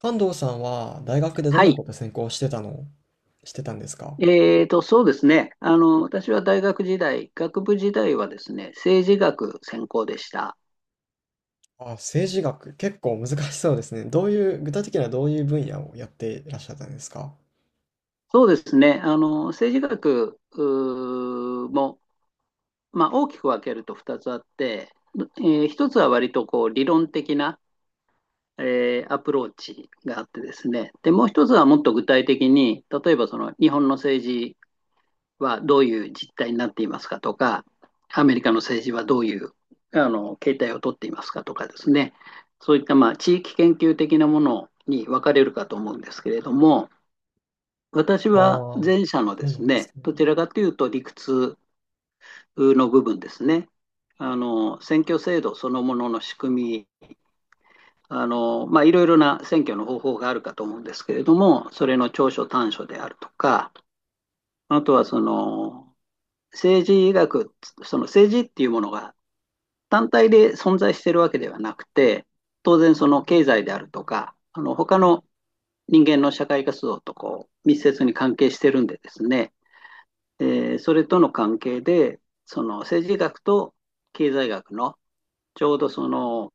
関藤さんは大学でどんはない。こと専攻してたの、してたんですか？そうですね。私は大学時代、学部時代はですね、政治学専攻でした。あ、政治学、結構難しそうですね。どういう、具体的にはどういう分野をやっていらっしゃったんですか？そうですね。政治学も、まあ、大きく分けると2つあって、1つは割とこう理論的な、アプローチがあってですね。で、もう1つはもっと具体的に、例えばその日本の政治はどういう実態になっていますかとか、アメリカの政治はどういう形態をとっていますかとかですね、そういったまあ地域研究的なものに分かれるかと思うんですけれども、私ああ、はそ前者のでうなすんですね、ね。どちらかというと理屈の部分ですね、選挙制度そのものの仕組み、まあ、いろいろな選挙の方法があるかと思うんですけれども、それの長所短所であるとか、あとはその政治学、その政治っていうものが単体で存在しているわけではなくて、当然その経済であるとか、他の人間の社会活動とこう密接に関係してるんでですね、えそれとの関係で、その政治学と経済学のちょうどその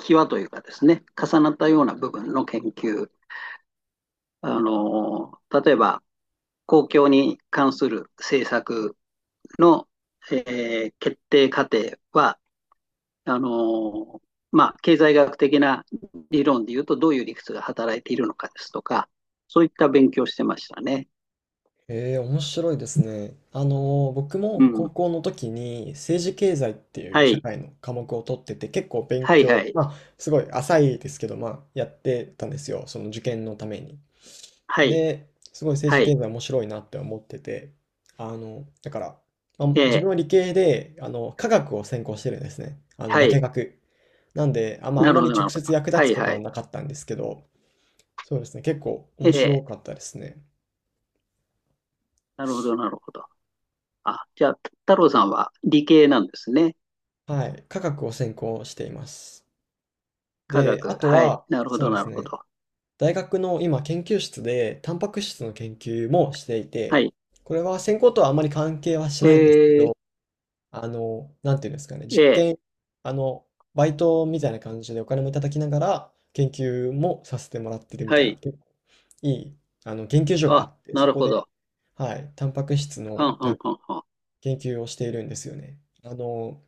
際というかですね、重なったような部分の研究、例えば公共に関する政策の、決定過程は、あの、まあ、経済学的な理論で言うと、どういう理屈が働いているのかですとか、そういった勉強してましたね。へえ、面白いですね。あの、僕うも高ん。校の時に政治経済っていはう社い。会の科目を取ってて、結構勉はい、は強、い。まあ、すごい浅いですけど、まあ、やってたんですよ。その受験のために。はい、で、すごい政は治い。経済面白いなって思ってて、あの、だから、まあ、え自え、分は理系で、あの、科学を専攻してるんですね。あの、は化い。学。なんで、あんま、あなんまるほりど、な直るほど。接役は立つい、ことははい。なかったんですけど、そうですね、結構え面白え、かったですね。なるほど、なるほど。あ、じゃあ、太郎さんは理系なんですね。はい、科学を専攻しています。科で、あ学。とはい。は、なるほそど、うでなするほね、ど。大学の今研究室で、タンパク質の研究もしていはて、い。これは専攻とはあまり関係はしないんですけええ、ど、あの、なんていうんですかね、え実え、験、あの、バイトみたいな感じでお金もいただきながら、研究もさせてもらってるみはたいな、い。結構いい、あの、研究所がああ、って、なそるこほで、ど。はい、タンパク質の、はんはなんんか、はんはん。研究をしているんですよね。あの、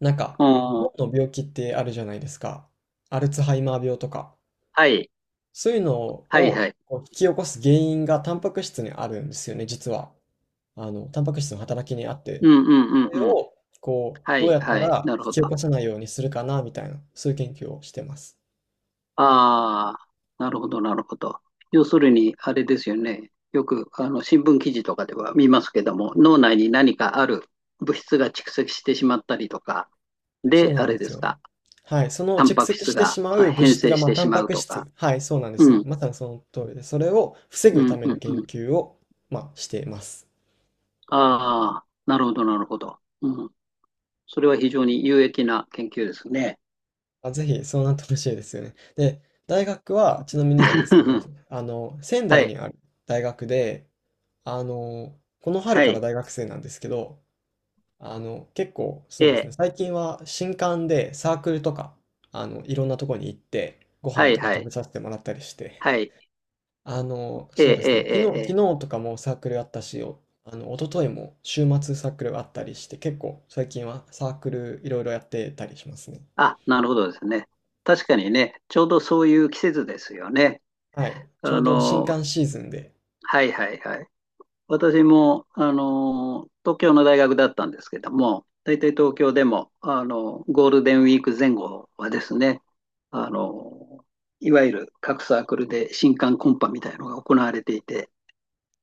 なんか、お脳ー、の病気ってあるじゃないですか。アルツハイマー病とか。はい。そういうのはい、はを、い。こう引き起こす原因がタンパク質にあるんですよね、実は。あの、タンパク質の働きにあって。うん、うん、うそん、れうん。を、こう、はどうい、やったはい、らなる引きほど。起あこさないようにするかなみたいな、そういう研究をしてます。あ、なるほど、なるほど。要するに、あれですよね。よく、新聞記事とかでは見ますけども、脳内に何かある物質が蓄積してしまったりとか、そで、うなあんでれですすよ。か、はい、そのタン蓄パク積質してがしまあう物変質性が、しまあ、てタしンまパうクとか。質、はい、そうなんですよ。うん、まさにその通りで、それを防うぐたん、めうのん、研うん。究を、まあ、しています。ああ、なるほど、なるほど。うん。それは非常に有益な研究ですね。あ、ぜひそうなってほしいですよね。で、大学はちなみになんですけど、あの、仙は台い、にある大学で、あの、この春はからい、大学生なんですけど、あの、結構、そえうですね、え、最近は新刊でサークルとか、あの、いろんなとこに行って、ごは飯い、とかは食い、べさせてもらったりして、はい、あの、ええ、そうですえね、昨え、日、ええ。とかもサークルあったし、お、あの、一昨日も週末サークルがあったりして、結構最近はサークルいろいろやってたりしますね。あ、なるほどですね。確かにね、ちょうどそういう季節ですよね。はい、ちょあうど新の、刊シーズンで、はいはいはい。私も、東京の大学だったんですけども、大体東京でも、ゴールデンウィーク前後はですね、あの、いわゆる各サークルで新歓コンパみたいなのが行われていて、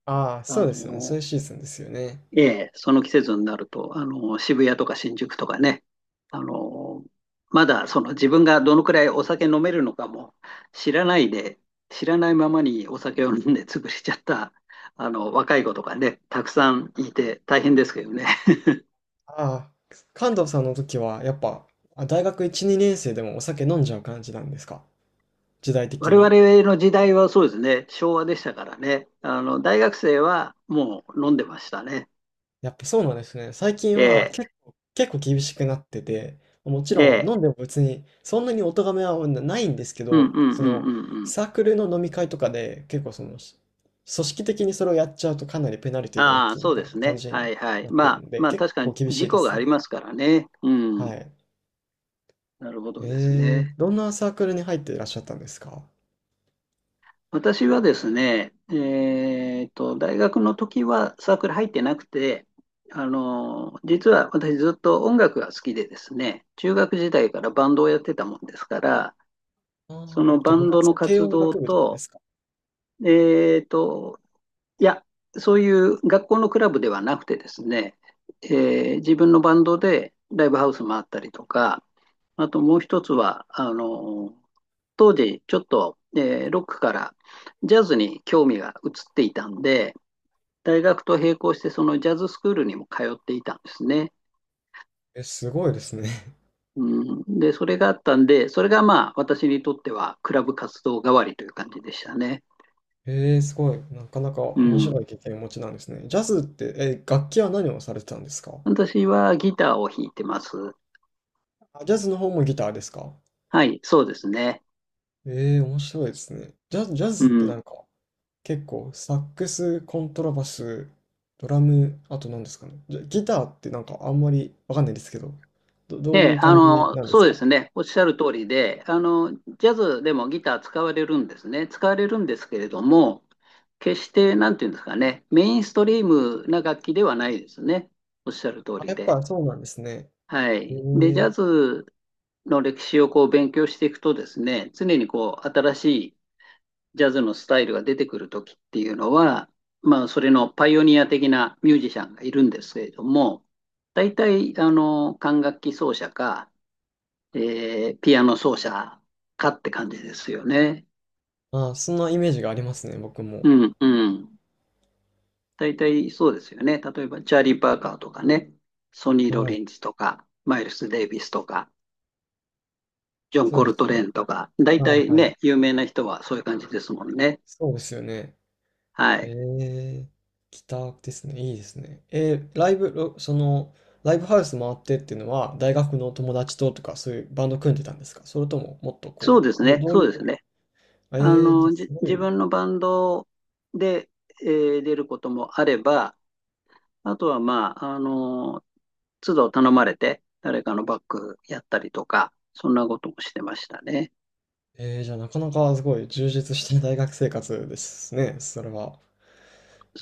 ああ、あそうですよね、そうの、いうシーズンですよね。ええ、その季節になると、渋谷とか新宿とかね、あの、まだその自分がどのくらいお酒飲めるのかも知らないで、知らないままにお酒を飲んで 潰れちゃった、若い子とかね、たくさんいて大変ですけどね。ああ、関東さんの時は、やっぱ、あ、大学1、2年生でもお酒飲んじゃう感じなんですか、時代我的に。々の時代はそうですね、昭和でしたからね、大学生はもう飲んでましたね。やっぱそうなんですね。最近えはえ、結構、結構厳しくなってて、もちえろんえ、飲んでも別に、そんなにお咎めはないんですけうんうんうど、んうんその、うん。サークルの飲み会とかで、結構その、し、組織的にそれをやっちゃうとかなりペナルティが大あきあ、いみそうたでいなす感ね。じにはいはい。なってるまあ、ので、まあ、結確か構に厳し事いで故すがありね。ますからね。うはん。い。なるほどですえね。ー、どんなサークルに入っていらっしゃったんですか？私はですね、大学の時はサークル入ってなくて、実は私ずっと音楽が好きでですね、中学時代からバンドをやってたもんですから、ああ、そのじゃ、バ部ンドの活、軽活音動楽部とかでと、すか？えっと、いや、そういう学校のクラブではなくてですね、え自分のバンドでライブハウス回ったりとか、あともう一つは、当時ちょっと、ロックからジャズに興味が移っていたんで、大学と並行してそのジャズスクールにも通っていたんですね。え、すごいですね。うん、で、それがあったんで、それがまあ私にとってはクラブ活動代わりという感じでしたね。えー、すごい。なかなかう面ん、白い経験をお持ちなんですね。ジャズって、え、楽器は何をされてたんですか？私はギターを弾いてます。あ、ジャズの方もギターですか？はい、そうですね。えー、面白いですね。ジャズ、ジャうズってなん、んか、結構サックス、コントラバス、ドラム、あと何ですかね。じゃ、ギターってなんかあんまりわかんないですけど、ど、どえういうえ、感じなんですそうでか？すね。おっしゃる通りで、ジャズでもギター使われるんですね。使われるんですけれども、決して、なんていうんですかね、メインストリームな楽器ではないですね。おっしゃる通あ、やりっぱで。そうなんですね。はへい。で、ジー、ャズの歴史をこう勉強していくとですね、常にこう、新しいジャズのスタイルが出てくるときっていうのは、まあ、それのパイオニア的なミュージシャンがいるんですけれども、大体、管楽器奏者か、で、ピアノ奏者かって感じですよね。ああ、そんなイメージがありますね、僕も。うん、うん。大体そうですよね。例えば、チャーリー・パーカーとかね、ソニー・ロはリい。ンズとか、マイルス・デイビスとか、ジョン・そうコでルすトよね。レーンとか、大は体いはい。ね、有名な人はそういう感じですもんね。そうですよね。はへい。え、ギターですね。いいですね。えー、ライブ、ろ、その、ライブハウス回ってっていうのは、大学の友達ととか、そういうバンド組んでたんですか、それとも、もっとそうこですう、ど、ね、どうそいうですう、ね。えー、じゃあすご自い、分のバンドで、出ることもあれば、あとはまあ、都度頼まれて、誰かのバックやったりとか、そんなこともしてましたね。えー、じゃあなかなかすごい充実した大学生活ですね、それは。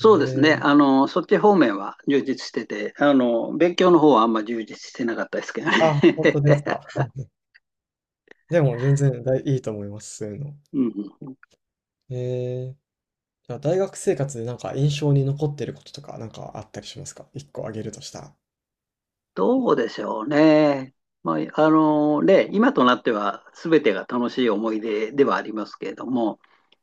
えうですね。ー、そっち方面は充実してて、勉強の方はあんま充実してなかったですけどね。あ、本当ですか。でも全然大いいと思います、そういうの。うん、えー、じゃあ大学生活でなんか印象に残ってることとかなんかあったりしますか、一個あげるとしたら。どうでしょうね。まあ、ね、今となっては全てが楽しい思い出ではありますけれども、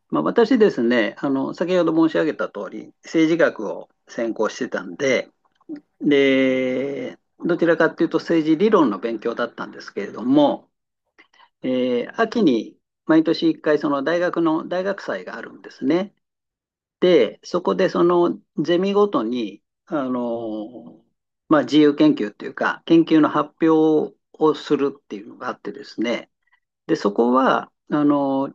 まあ、私ですね、先ほど申し上げた通り、政治学を専攻してたんで、で、どちらかというと政治理論の勉強だったんですけれども、秋に毎年一回その大学の大学祭があるんですね。で、そこでそのゼミごとに、まあ、自由研究っていうか、研究の発表をするっていうのがあってですね。で、そこは、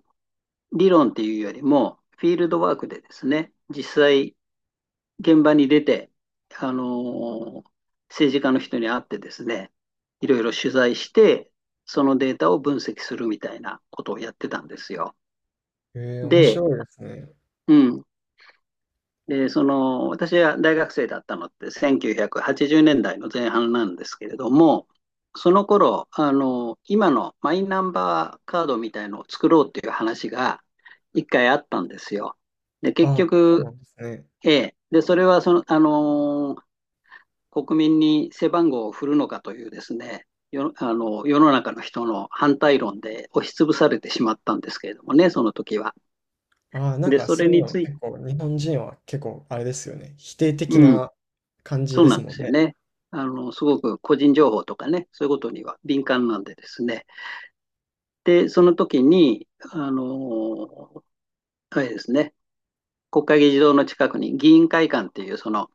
理論っていうよりも、フィールドワークでですね、実際現場に出て、あのー政治家の人に会ってですね、いろいろ取材して、そのデータを分析するみたいなことをやってたんですよ。ええ、面で、白いですね。うん。で、その、私は大学生だったのって1980年代の前半なんですけれども、その頃、今のマイナンバーカードみたいのを作ろうっていう話が一回あったんですよ。で、結あ、そう局、なんですね。ええ。で、それはその、国民に背番号を振るのかというですね、よ世の中の人の反対論で押しつぶされてしまったんですけれどもね、その時は。ああ、なんで、かそそれういうにのついて、結構日本人は結構あれですよね。否定的うん、な感じそでうなすんでもんすよね。ね。すごく個人情報とかね、そういうことには敏感なんでですね。で、その時に、あれですね、国会議事堂の近くに議員会館っていうその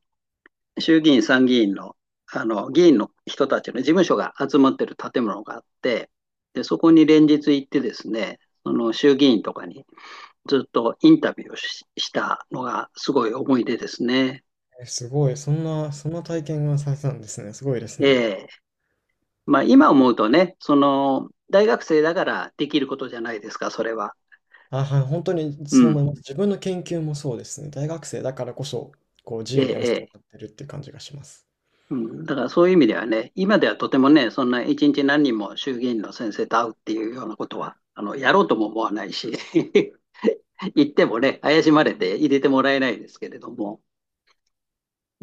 衆議院、参議院の、議員の人たちの事務所が集まってる建物があって、で、そこに連日行ってですね、その衆議院とかにずっとインタビューをしたのがすごい思い出ですね。え、すごい。そんな、そんな体験がされたんですね。すごいですね。えーまあ今思うとね、その、大学生だからできることじゃないですか、それは。あ、はい、本当にうそうん。思います。自分の研究もそうですね。大学生だからこそ、こう自え由にやらせえてもらっえ。てるっていう感じがします。うん、だからそういう意味ではね、今ではとてもね、そんな一日何人も衆議院の先生と会うっていうようなことは、やろうとも思わないし 行ってもね、怪しまれて入れてもらえないですけれども、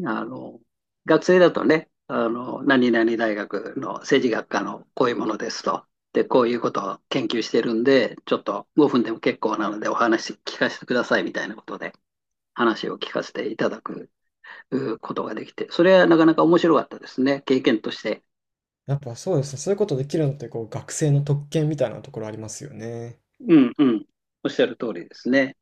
あの、学生だとね、何々大学の政治学科のこういうものですと。で、こういうことを研究してるんで、ちょっと5分でも結構なのでお話聞かせてくださいみたいなことで話を聞かせていただくことができて、それはなかなか面白かったですね。経験として。やっぱそうですね。そういうことできるのって、こう学生の特権みたいなところありますよね。うんうん。おっしゃる通りですね。